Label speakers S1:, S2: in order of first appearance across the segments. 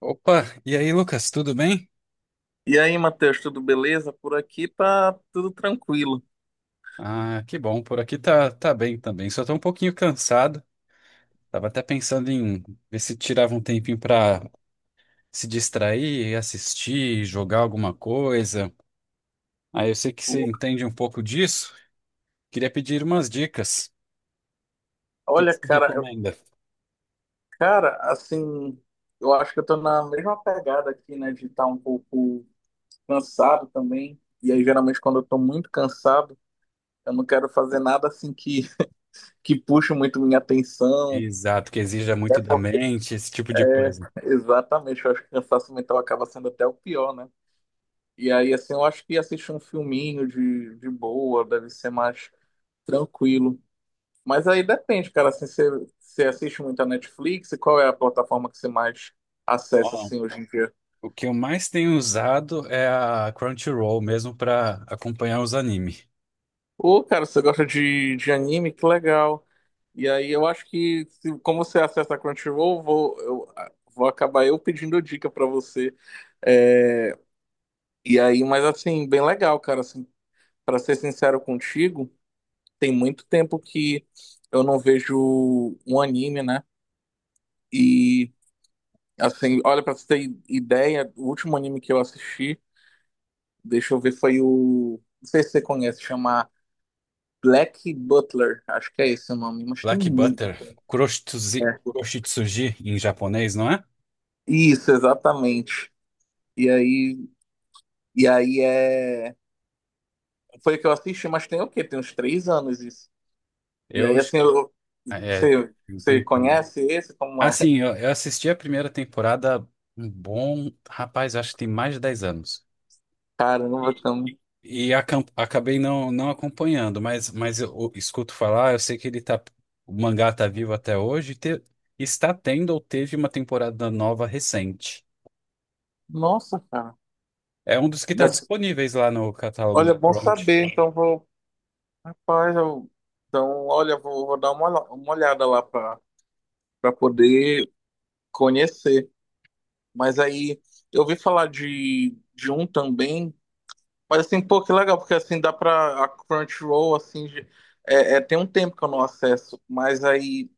S1: Opa, e aí, Lucas, tudo bem?
S2: E aí, Matheus, tudo beleza? Por aqui tá tudo tranquilo.
S1: Ah, que bom, por aqui tá, tá bem também. Só tô um pouquinho cansado. Tava até pensando em ver se tirava um tempinho pra se distrair, assistir, jogar alguma coisa. Ah, eu sei que você entende um pouco disso. Queria pedir umas dicas. O que
S2: Olha,
S1: você
S2: cara,
S1: recomenda?
S2: cara, assim, eu acho que eu tô na mesma pegada aqui, né, de estar um pouco cansado também. E aí, geralmente, quando eu tô muito cansado, eu não quero fazer nada assim que puxe muito minha atenção.
S1: Exato, que exija
S2: É
S1: muito da
S2: porque...
S1: mente, esse tipo de coisa.
S2: Exatamente, eu acho que o cansaço mental acaba sendo até o pior, né? E aí, assim, eu acho que assistir um filminho de boa deve ser mais tranquilo. Mas aí depende, cara, assim, você assiste muito a Netflix e qual é a plataforma que você mais acessa,
S1: Ó,
S2: assim, hoje em dia?
S1: o que eu mais tenho usado é a Crunchyroll mesmo pra acompanhar os animes.
S2: Ô, cara, você gosta de anime? Que legal. E aí eu acho que, como você acessa a Crunchyroll, vou acabar eu pedindo dica pra você. É, e aí, mas assim, bem legal, cara, assim, para ser sincero contigo, tem muito tempo que eu não vejo um anime, né? E, assim, olha, pra você ter ideia, o último anime que eu assisti, deixa eu ver, foi o. Não sei se você conhece, chama Black Butler, acho que é esse o nome, mas tem
S1: Black
S2: muito.
S1: Butter, kuroshitsuji,
S2: É.
S1: kuroshitsuji em japonês, não é?
S2: Isso, exatamente. E aí, e aí, é. Foi o que eu assisti, mas tem o quê? Tem uns 3 anos isso. E
S1: Eu
S2: aí, assim,
S1: é,
S2: você
S1: tem,
S2: conhece esse? Como é?
S1: assim, eu assisti a primeira temporada um bom, rapaz, acho que tem mais de 10 anos.
S2: Caramba,
S1: E,
S2: também.
S1: acabei não acompanhando, mas eu escuto falar, eu sei que ele tá, o mangá tá vivo até hoje, está tendo ou teve uma temporada nova recente.
S2: Nossa, cara.
S1: É um dos que está
S2: Nossa,
S1: disponíveis lá no catálogo
S2: olha,
S1: da
S2: bom
S1: Crunch.
S2: saber. Então, vou. Rapaz, eu... Então, olha, vou dar uma olhada lá para poder conhecer. Mas aí eu ouvi falar de um também, mas assim, pô, que legal, porque assim dá pra. A Crunchyroll, assim, é, tem um tempo que eu não acesso, mas aí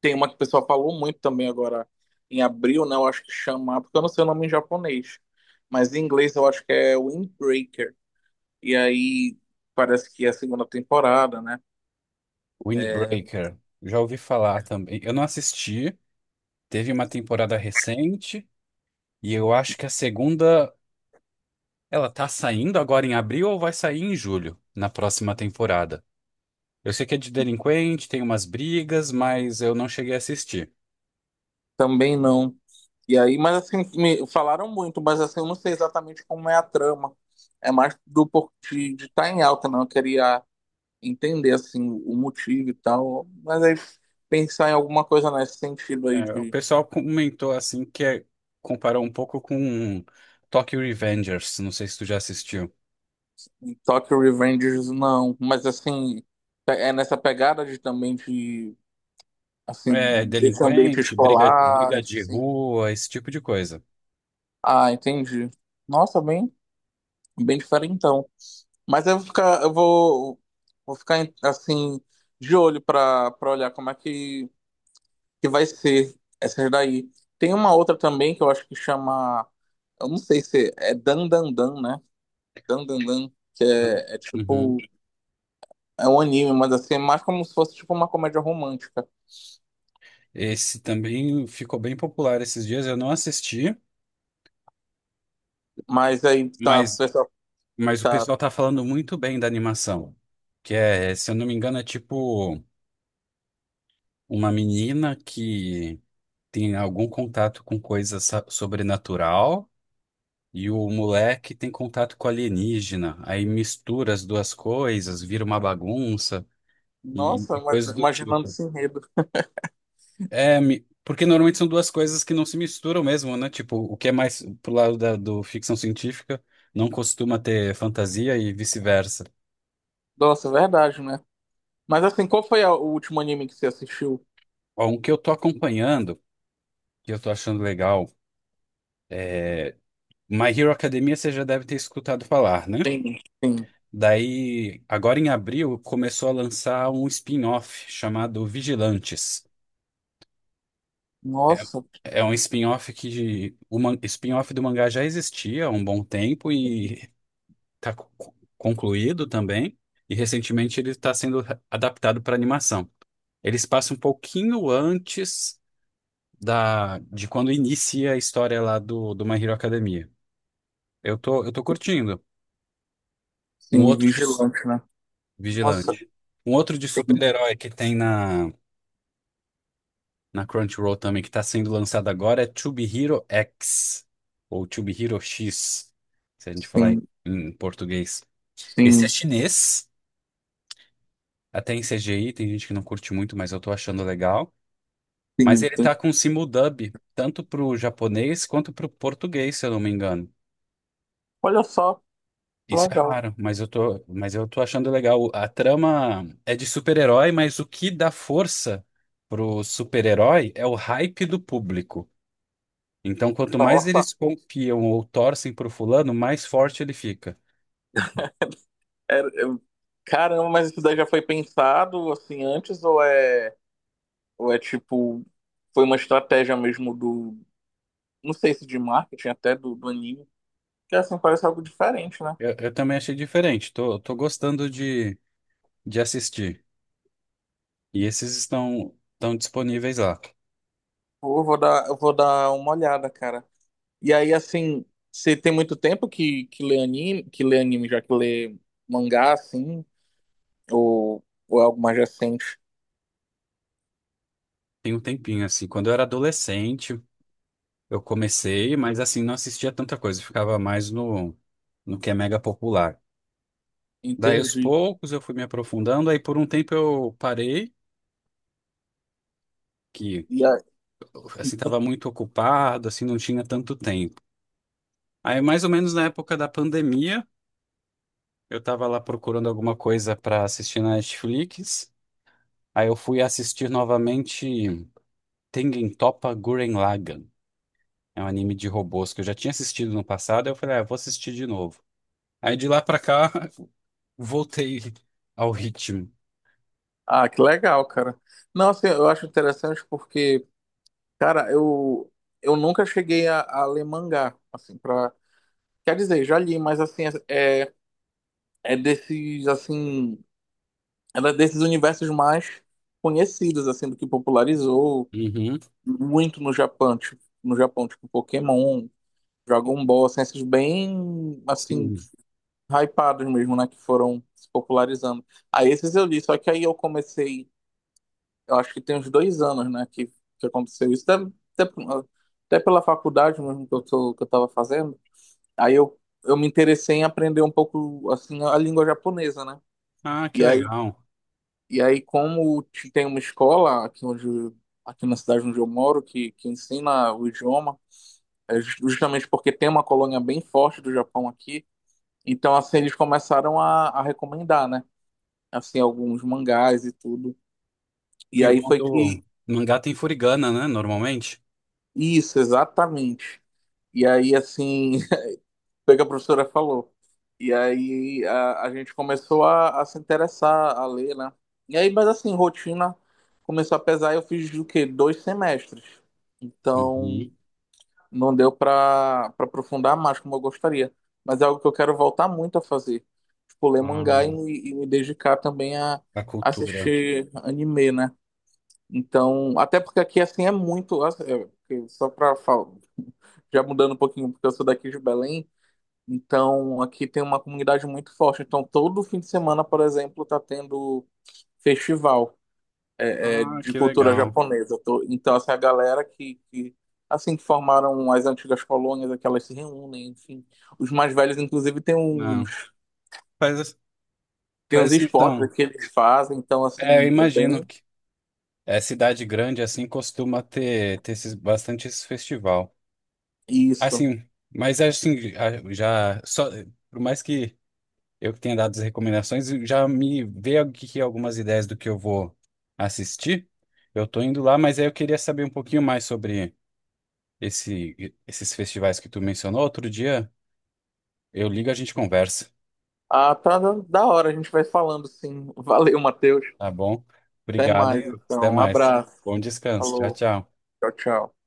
S2: tem uma que o pessoal falou muito também agora em abril, né? Eu acho que chama, porque eu não sei o nome em japonês, mas em inglês eu acho que é Windbreaker. E aí parece que é a segunda temporada, né?
S1: Windbreaker. Já ouvi falar também. Eu não assisti. Teve uma temporada recente e eu acho que a segunda, ela tá saindo agora em abril ou vai sair em julho, na próxima temporada. Eu sei que é de delinquente, tem umas brigas, mas eu não cheguei a assistir.
S2: Também não. E aí, mas assim, me falaram muito, mas assim, eu não sei exatamente como é a trama. É mais de estar em alta, não. Eu queria entender, assim, o motivo e tal. Mas aí, pensar em alguma coisa nesse sentido aí
S1: É, o
S2: de
S1: pessoal comentou comparou um pouco com Tokyo Revengers, não sei se tu já assistiu.
S2: em Tokyo Revengers, não. Mas assim, é nessa pegada de também de, assim,
S1: É,
S2: desse ambiente
S1: delinquente, briga,
S2: escolar,
S1: briga de
S2: assim.
S1: rua, esse tipo de coisa.
S2: Ah, entendi. Nossa, bem, bem diferentão. Mas eu vou ficar, eu vou, vou ficar assim de olho para olhar como é que vai ser essa daí. Tem uma outra também que eu acho que chama, eu não sei se é Dan Dan Dan, né? Dan Dan Dan, que é, tipo
S1: Uhum.
S2: é um anime, mas assim é mais como se fosse tipo uma comédia romântica.
S1: Esse também ficou bem popular esses dias, eu não assisti,
S2: Mas aí tá, o
S1: mas
S2: pessoal
S1: Mas o
S2: tá,
S1: pessoal tá falando muito bem da animação, que é, se eu não me engano, é tipo uma menina que tem algum contato com coisa sobrenatural e o moleque tem contato com alienígena. Aí mistura as duas coisas, vira uma bagunça
S2: nossa,
S1: e coisas
S2: ima-
S1: do
S2: imaginando
S1: tipo.
S2: esse enredo.
S1: É, porque normalmente são duas coisas que não se misturam mesmo, né? Tipo, o que é mais pro lado da, do ficção científica não costuma ter fantasia e vice-versa.
S2: Nossa, é verdade, né? Mas assim, qual foi o último anime que você assistiu?
S1: Ó, um que eu tô acompanhando que eu tô achando legal. My Hero Academia você já deve ter escutado falar, né?
S2: Tem, tem.
S1: Daí, agora em abril, começou a lançar um spin-off chamado Vigilantes.
S2: Nossa.
S1: É um spin-off que spin-off do mangá já existia há um bom tempo e está concluído também. E recentemente ele está sendo adaptado para animação. Eles passa um pouquinho antes da de quando inicia a história lá do, do My Hero Academia. Eu tô curtindo. Um
S2: Sim,
S1: outro.
S2: vigilante, né? Nossa,
S1: Vigilante. Um outro de
S2: sim,
S1: super-herói que tem na, na Crunchyroll também, que tá sendo lançado agora, é To Be Hero X, ou To Be Hero X, se a gente falar em,
S2: sim,
S1: em português. Esse é
S2: sim,
S1: chinês, até em CGI, tem gente que não curte muito, mas eu tô achando legal. Mas
S2: sim.
S1: ele
S2: Sim.
S1: tá com simuldub, tanto pro japonês quanto pro português, se eu não me engano.
S2: Olha só,
S1: Isso é
S2: legal.
S1: raro, mas mas eu tô achando legal. A trama é de super-herói, mas o que dá força pro super-herói é o hype do público. Então, quanto mais
S2: Nossa,
S1: eles confiam ou torcem pro fulano, mais forte ele fica.
S2: era- eu- caramba, mas isso daí já foi pensado assim antes ou é, tipo, foi uma estratégia mesmo do, não sei se de marketing até do anime, que assim parece algo diferente, né?
S1: Eu também achei diferente. Tô gostando de assistir. E esses estão, estão disponíveis lá.
S2: Pô, eu vou dar uma olhada, cara. E aí, assim, você tem muito tempo que lê anime, já que lê mangá, assim, ou, ou é algo mais recente?
S1: Tem um tempinho, assim. Quando eu era adolescente, eu comecei, mas assim, não assistia tanta coisa. Ficava mais no, no que é mega popular. Daí aos
S2: Entendi.
S1: poucos eu fui me aprofundando, aí por um tempo eu parei, que
S2: E a-
S1: assim estava
S2: ente-
S1: muito ocupado, assim não tinha tanto tempo. Aí mais ou menos na época da pandemia, eu estava lá procurando alguma coisa para assistir na Netflix. Aí eu fui assistir novamente Tengen Toppa Gurren Lagann. É um anime de robôs que eu já tinha assistido no passado, aí eu falei, ah, eu vou assistir de novo. Aí de lá pra cá voltei ao ritmo.
S2: Ah, que legal, cara. Não, assim, eu acho interessante porque, cara, eu nunca cheguei a ler mangá, assim, pra... Quer dizer, já li, mas, assim, é desses, assim, era desses universos mais conhecidos, assim, do que popularizou
S1: Uhum,
S2: muito no Japão, tipo Pokémon, Dragon Ball, assim, esses bem, assim,
S1: sim.
S2: hypados mesmo, né, que foram se popularizando. Aí esses eu li, só que aí eu comecei eu acho que tem uns 2 anos, né, que aconteceu isso. Até, até pela faculdade mesmo que eu tava fazendo. Aí eu me interessei em aprender um pouco, assim, a língua japonesa, né?
S1: Ah, que
S2: E aí,
S1: legal.
S2: e aí, como tem uma escola aqui aqui na cidade onde eu moro que ensina o idioma, é justamente porque tem uma colônia bem forte do Japão aqui, então, assim, eles começaram a recomendar, né? Assim, alguns mangás e tudo. E
S1: E o
S2: aí
S1: bom
S2: foi
S1: do
S2: que
S1: mangá tem furigana, né? Normalmente.
S2: Isso, exatamente. E aí, assim, foi o que a professora falou. E aí a gente começou a se interessar, a ler, né? E aí, mas assim, rotina começou a pesar. Eu fiz o quê? 2 semestres. Então,
S1: Uhum.
S2: não deu para aprofundar mais como eu gostaria. Mas é algo que eu quero voltar muito a fazer. Tipo, ler mangá e,
S1: Ah,
S2: e me dedicar também a,
S1: a cultura.
S2: assistir anime, né? Então, até porque aqui, assim, é muito. Assim, é, só para já mudando um pouquinho, porque eu sou daqui de Belém, então aqui tem uma comunidade muito forte. Então todo fim de semana, por exemplo, tá tendo festival é,
S1: Ah,
S2: de
S1: que
S2: cultura
S1: legal.
S2: japonesa. Então essa é a galera que assim que formaram as antigas colônias, é que elas se reúnem, enfim. Os mais velhos, inclusive, tem uns
S1: Não. Faz,
S2: tem uns
S1: faz assim, então.
S2: esportes que eles fazem, então
S1: É, eu
S2: assim é
S1: imagino
S2: bem
S1: que é, cidade grande assim costuma ter, ter esses, bastante esse festival.
S2: isso.
S1: Assim, mas é assim, por mais que eu tenha dado as recomendações, já me veio aqui algumas ideias do que eu vou assistir. Eu tô indo lá, mas aí eu queria saber um pouquinho mais sobre esse, esses festivais que tu mencionou outro dia, eu ligo e a gente conversa,
S2: Ah, tá da hora, a gente vai falando, sim. Valeu, Matheus.
S1: tá bom?
S2: Até
S1: Obrigado,
S2: mais,
S1: hein? Até
S2: então. Um
S1: mais.
S2: abraço.
S1: Bom descanso. Tchau,
S2: Falou.
S1: tchau.
S2: Tchau, tchau.